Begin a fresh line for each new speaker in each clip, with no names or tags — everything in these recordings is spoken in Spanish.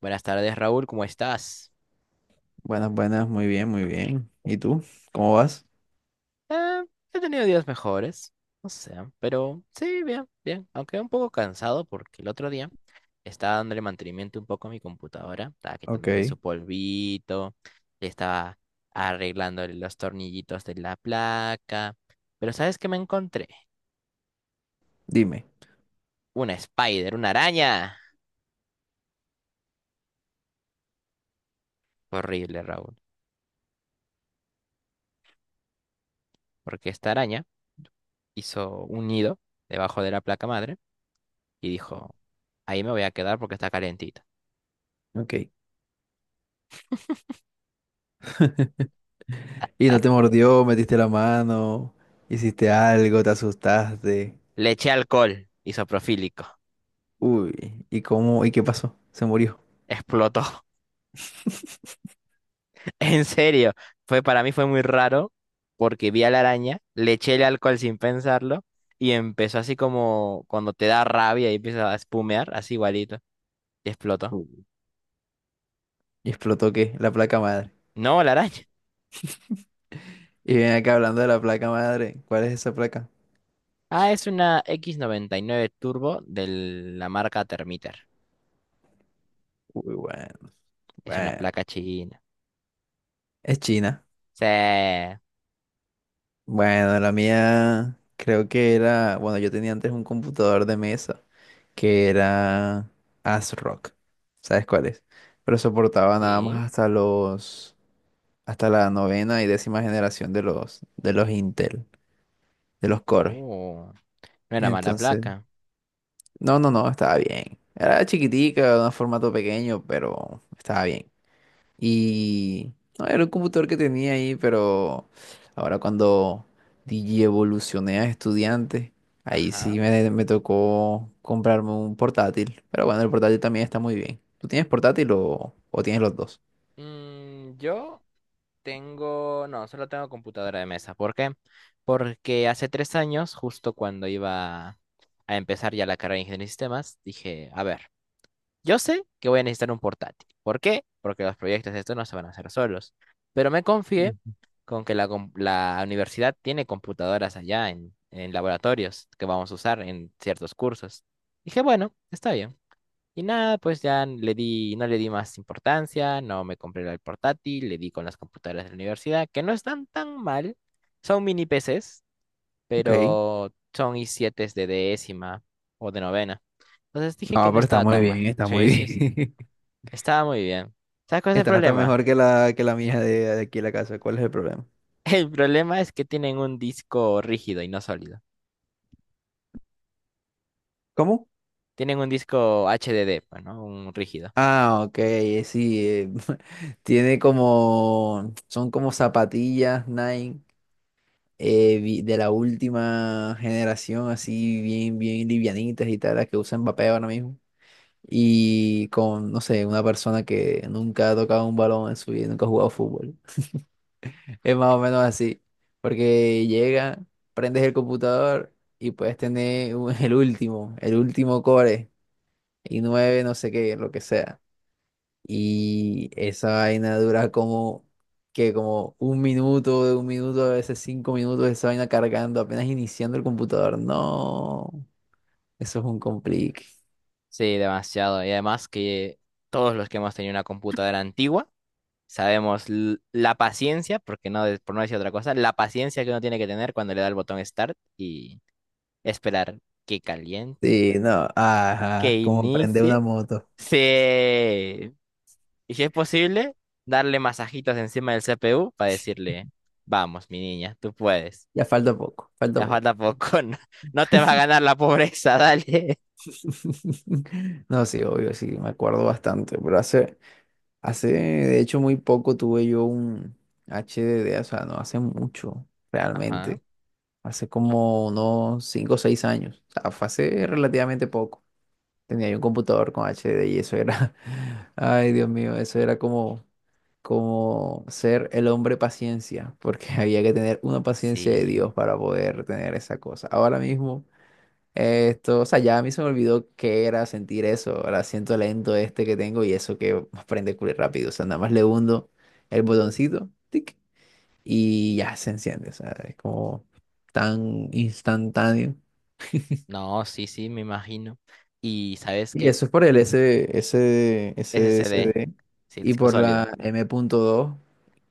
Buenas tardes, Raúl, ¿cómo estás?
Buenas, buenas, muy bien, muy bien. ¿Y tú? ¿Cómo vas?
Eh, He tenido días mejores, no sé, pero sí, bien, bien. Aunque un poco cansado porque el otro día estaba dándole mantenimiento un poco a mi computadora, estaba quitándole
Ok,
su polvito, le estaba arreglando los tornillitos de la placa. Pero ¿sabes qué me encontré?
dime.
Una spider, una araña. Horrible, Raúl, porque esta araña hizo un nido debajo de la placa madre y dijo, ahí me voy a quedar porque está calientito.
Ok. ¿Y no te mordió? ¿Metiste la mano? ¿Hiciste algo? ¿Te asustaste?
Le eché alcohol isopropílico.
Uy, ¿y cómo? ¿Y qué pasó? Se murió.
Explotó. En serio, fue para mí fue muy raro porque vi a la araña, le eché el alcohol sin pensarlo y empezó así como cuando te da rabia y empieza a espumear, así igualito. Y explotó.
Uy. ¿Y explotó qué? La placa madre.
No, la araña.
Y ven acá hablando de la placa madre. ¿Cuál es esa placa?
Ah, es una x nueve Turbo de la marca Termiter.
Uy, bueno,
Es una
bueno.
placa china.
Es china.
Sí.
Bueno, la mía creo que era, bueno, yo tenía antes un computador de mesa que era Asrock. ¿Sabes cuál es? Pero soportaba nada
Sí.
más hasta hasta la 9.ª y 10.ª generación de de los Intel, de los Core.
Oh, no era mala
Entonces,
placa.
no, estaba bien. Era chiquitica, de un formato pequeño, pero estaba bien. Y no, era un computador que tenía ahí, pero ahora cuando DJ evolucioné a estudiante, ahí
Ajá.
sí me tocó comprarme un portátil. Pero bueno, el portátil también está muy bien. ¿Tú tienes portátil o tienes los dos?
Yo tengo, no, solo tengo computadora de mesa. ¿Por qué? Porque hace tres años, justo cuando iba a empezar ya la carrera de ingeniería de sistemas, dije, a ver, yo sé que voy a necesitar un portátil. ¿Por qué? Porque los proyectos de esto no se van a hacer solos. Pero me confié
Mm.
con la universidad tiene computadoras allá en laboratorios que vamos a usar en ciertos cursos. Dije, bueno, está bien. Y nada, pues ya le di, no le di más importancia, no me compré el portátil, le di con las computadoras de la universidad, que no están tan mal. Son mini PCs,
Ok.
pero son i7 de décima o de novena. Entonces dije que
No,
no
pero está
estaba
muy
tan mal.
bien, está muy
Sí, sí, sí.
bien.
Estaba muy bien. ¿Sabes cuál es el
Está hasta
problema?
mejor que que la mía de aquí en la casa. ¿Cuál es el problema?
El problema es que tienen un disco rígido y no sólido.
¿Cómo?
Tienen un disco HDD, pues, ¿no? Un rígido.
Ah, ok, sí. Tiene como, son como zapatillas Nike de la última generación, así bien, bien livianitas y tal, las que usan Mbappé ahora mismo. Y con, no sé, una persona que nunca ha tocado un balón en su vida, nunca ha jugado fútbol. Es más o menos así, porque llega, prendes el computador y puedes tener el último core, y 9 no sé qué, lo que sea. Y esa vaina dura como, que como un minuto, de un minuto, a veces cinco minutos, esa vaina cargando, apenas iniciando el computador. No, eso es un complique.
Sí, demasiado. Y además que todos los que hemos tenido una computadora antigua, sabemos la paciencia, porque no, por no decir otra cosa, la paciencia que uno tiene que tener cuando le da el botón Start y esperar que caliente,
Sí, no,
que
ajá, como prender una
inicie.
moto.
Sí. Y si es posible, darle masajitos encima del CPU para decirle, vamos, mi niña, tú puedes.
Ya falta poco, falta
Ya falta
poco.
poco, no, no te va a ganar la pobreza, dale.
No, sí, obvio, sí, me acuerdo bastante, pero hace... Hace, de hecho, muy poco tuve yo un HDD, o sea, no hace mucho,
Ajá,
realmente. Hace como unos 5 o 6 años. O sea, fue hace relativamente poco. Tenía yo un computador con HDD y eso era, ay Dios mío, eso era como, como ser el hombre paciencia, porque había que tener una paciencia de
sí.
Dios para poder tener esa cosa. Ahora mismo... Esto, o sea, ya a mí se me olvidó qué era sentir eso, ahora siento lento este que tengo y eso que prende culo rápido. O sea, nada más le hundo el botoncito, tic, y ya se enciende. O sea, es como tan instantáneo.
No, sí, sí, me imagino. Y ¿sabes
Y
qué?
eso es por el
SSD,
SSD
sí,
y
disco
por
sólido.
la M.2,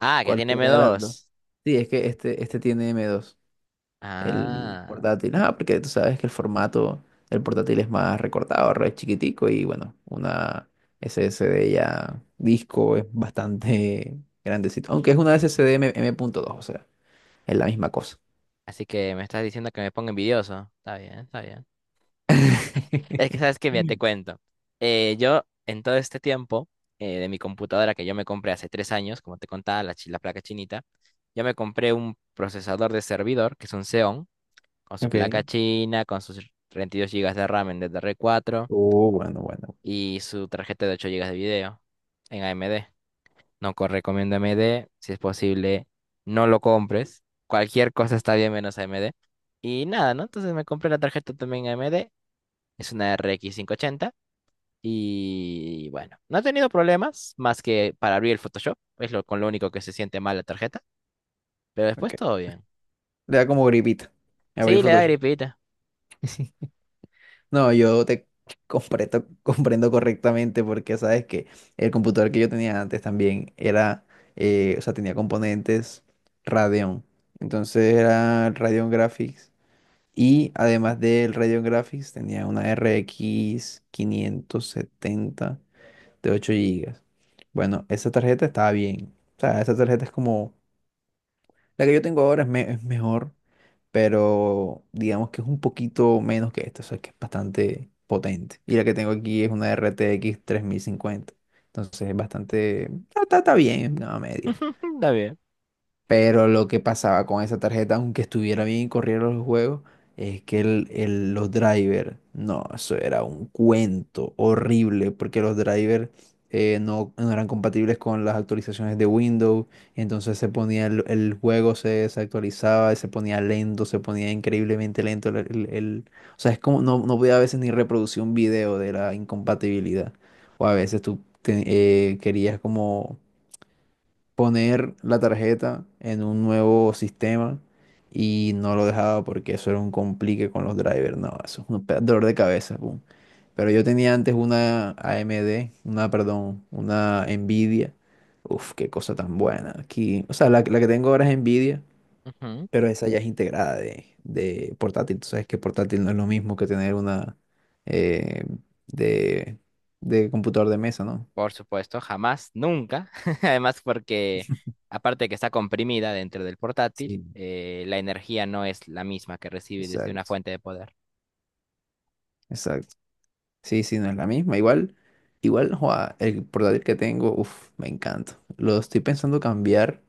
Ah, que tiene m
cualquiera de las dos.
dos.
Sí, es que este tiene m dos el
Ah,
portátil. Ah, porque tú sabes que el formato del portátil es más recortado, re chiquitico y bueno, una SSD ya disco es bastante grandecito. Aunque es una SSD M.2, o sea, es la misma cosa.
así que me estás diciendo que me pongo envidioso. Está bien, está bien. Es que sabes que, mira, te cuento. Yo, en todo este tiempo, de mi computadora que yo me compré hace tres años, como te contaba, la placa chinita, yo me compré un procesador de servidor, que es un Xeon, con su placa
Ok.
china, con sus 32 gigas de RAM en ddr cuatro
Oh, bueno, bueno.
y su tarjeta de 8 gigas de video en AMD. No recomiendo AMD. Si es posible, no lo compres. Cualquier cosa está bien menos AMD. Y nada, ¿no? Entonces me compré la tarjeta también AMD. Es una RX ochenta. Y bueno, no he tenido problemas más que para abrir el Photoshop. Con lo único que se siente mal la tarjeta. Pero después
Ok.
todo bien.
Le da como gripita. Abrí
Sí, le da
Photoshop.
gripita.
No, yo te comprendo, comprendo correctamente porque sabes que el computador que yo tenía antes también era, o sea, tenía componentes Radeon. Entonces era Radeon Graphics y además del Radeon Graphics tenía una RX 70 de 8 gigas. Bueno, esa tarjeta estaba bien. O sea, esa tarjeta es como, la que yo tengo ahora es mejor, pero digamos que es un poquito menos que esta, o sea que es bastante potente. Y la que tengo aquí es una RTX 50, entonces es bastante, está bien, nada media.
Está bien.
Pero lo que pasaba con esa tarjeta, aunque estuviera bien y corriera los juegos, es que los drivers, no, eso era un cuento horrible, porque los drivers no, no eran compatibles con las actualizaciones de Windows, y entonces se ponía el juego, se desactualizaba, y se ponía lento, se ponía increíblemente lento. O sea, es como no, no podía a veces ni reproducir un video de la incompatibilidad, o a veces querías como poner la tarjeta en un nuevo sistema y no lo dejaba porque eso era un complique con los drivers. No, eso es un dolor de cabeza. Pum. Pero yo tenía antes una AMD, una, perdón, una Nvidia. Uf, qué cosa tan buena. Aquí, o sea, la que tengo ahora es Nvidia,
Ujú.
pero esa ya es integrada de portátil. Tú sabes que portátil no es lo mismo que tener una eh, de, de computador de mesa, ¿no?
Por supuesto, jamás, nunca. Además, porque aparte de que está comprimida dentro del portátil,
Sí.
la energía no es la misma que recibe desde una
Exacto,
fuente de poder.
exacto. Sí, sí, no es la misma. Igual, igual, joa, el portátil que tengo, uff, me encanta. Lo estoy pensando cambiar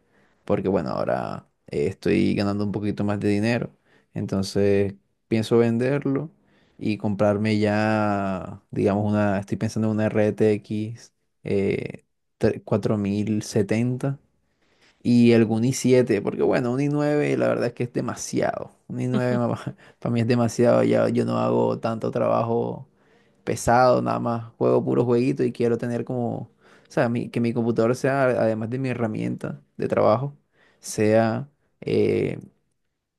porque, bueno, ahora estoy ganando un poquito más de dinero. Entonces, pienso venderlo y comprarme ya, digamos, una, estoy pensando en una RTX eh, 4070 y algún i7, porque, bueno, un i9, la verdad es que es demasiado. Un i9 para mí es demasiado, ya yo no hago tanto trabajo pesado, nada más juego puro jueguito y quiero tener como, o sea, que mi computador sea, además de mi herramienta de trabajo, sea eh,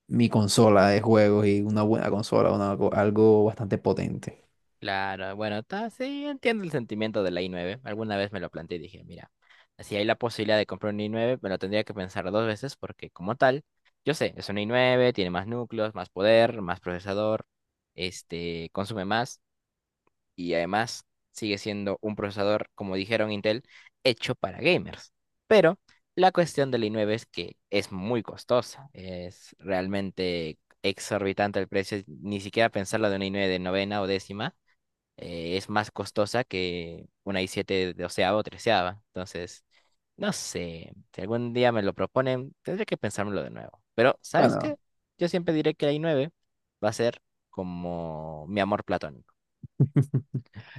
mi consola de juegos y una buena consola, una algo bastante potente.
Claro, bueno, sí, entiendo el sentimiento de la i9. Alguna vez me lo planteé y dije, mira, si hay la posibilidad de comprar un i9, me lo tendría que pensar dos veces porque como tal, yo sé, es un i9, tiene más núcleos, más poder, más procesador, este, consume más. Y además sigue siendo un procesador, como dijeron Intel, hecho para gamers. Pero la cuestión del i9 es que es muy costosa, es realmente exorbitante el precio, ni siquiera pensarlo de una i9 de novena o décima, es más costosa que una i7 de onceava o treceava. Entonces, no sé, si algún día me lo proponen, tendré que pensármelo de nuevo. Pero, ¿sabes qué?
Bueno,
Yo siempre diré que la i9 va a ser como mi amor platónico.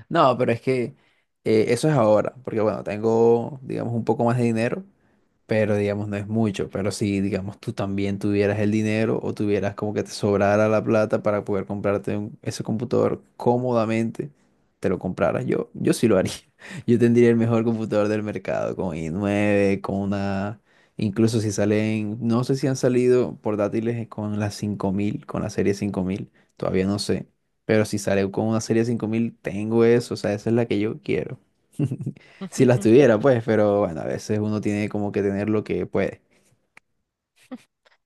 no, pero es que eso es ahora, porque bueno, tengo, digamos, un poco más de dinero pero digamos no es mucho, pero si digamos tú también tuvieras el dinero o tuvieras como que te sobrara la plata para poder comprarte ese computador cómodamente, te lo compraras yo sí lo haría. Yo tendría el mejor computador del mercado con i9, con una, incluso si salen, no sé si han salido portátiles con la 5000 con la serie 5000 todavía no sé, pero si sale con una serie 5000 tengo eso, o sea, esa es la que yo quiero. Si las tuviera, pues, pero bueno, a veces uno tiene como que tener lo que puede.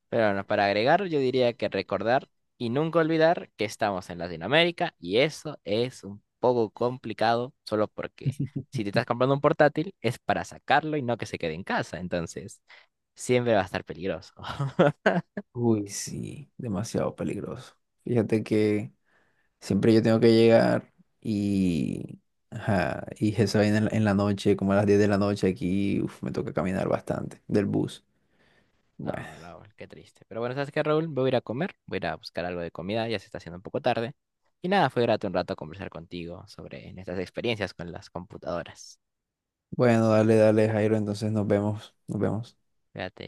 Pero bueno, para agregar, yo diría que recordar y nunca olvidar que estamos en Latinoamérica y eso es un poco complicado solo porque si te estás comprando un portátil es para sacarlo y no que se quede en casa, entonces siempre va a estar peligroso.
Uy, sí, demasiado peligroso. Fíjate que siempre yo tengo que llegar y, ajá, y eso en en la noche, como a las 10 de la noche aquí, uf, me toca caminar bastante del bus. Bueno,
No, Raúl, qué triste. Pero bueno, ¿sabes qué, Raúl? Me voy a ir a comer, voy a ir a buscar algo de comida, ya se está haciendo un poco tarde. Y nada, fue grato un rato conversar contigo sobre nuestras experiencias con las computadoras.
bueno, dale, dale, Jairo, entonces nos vemos, nos vemos.
Fíjate.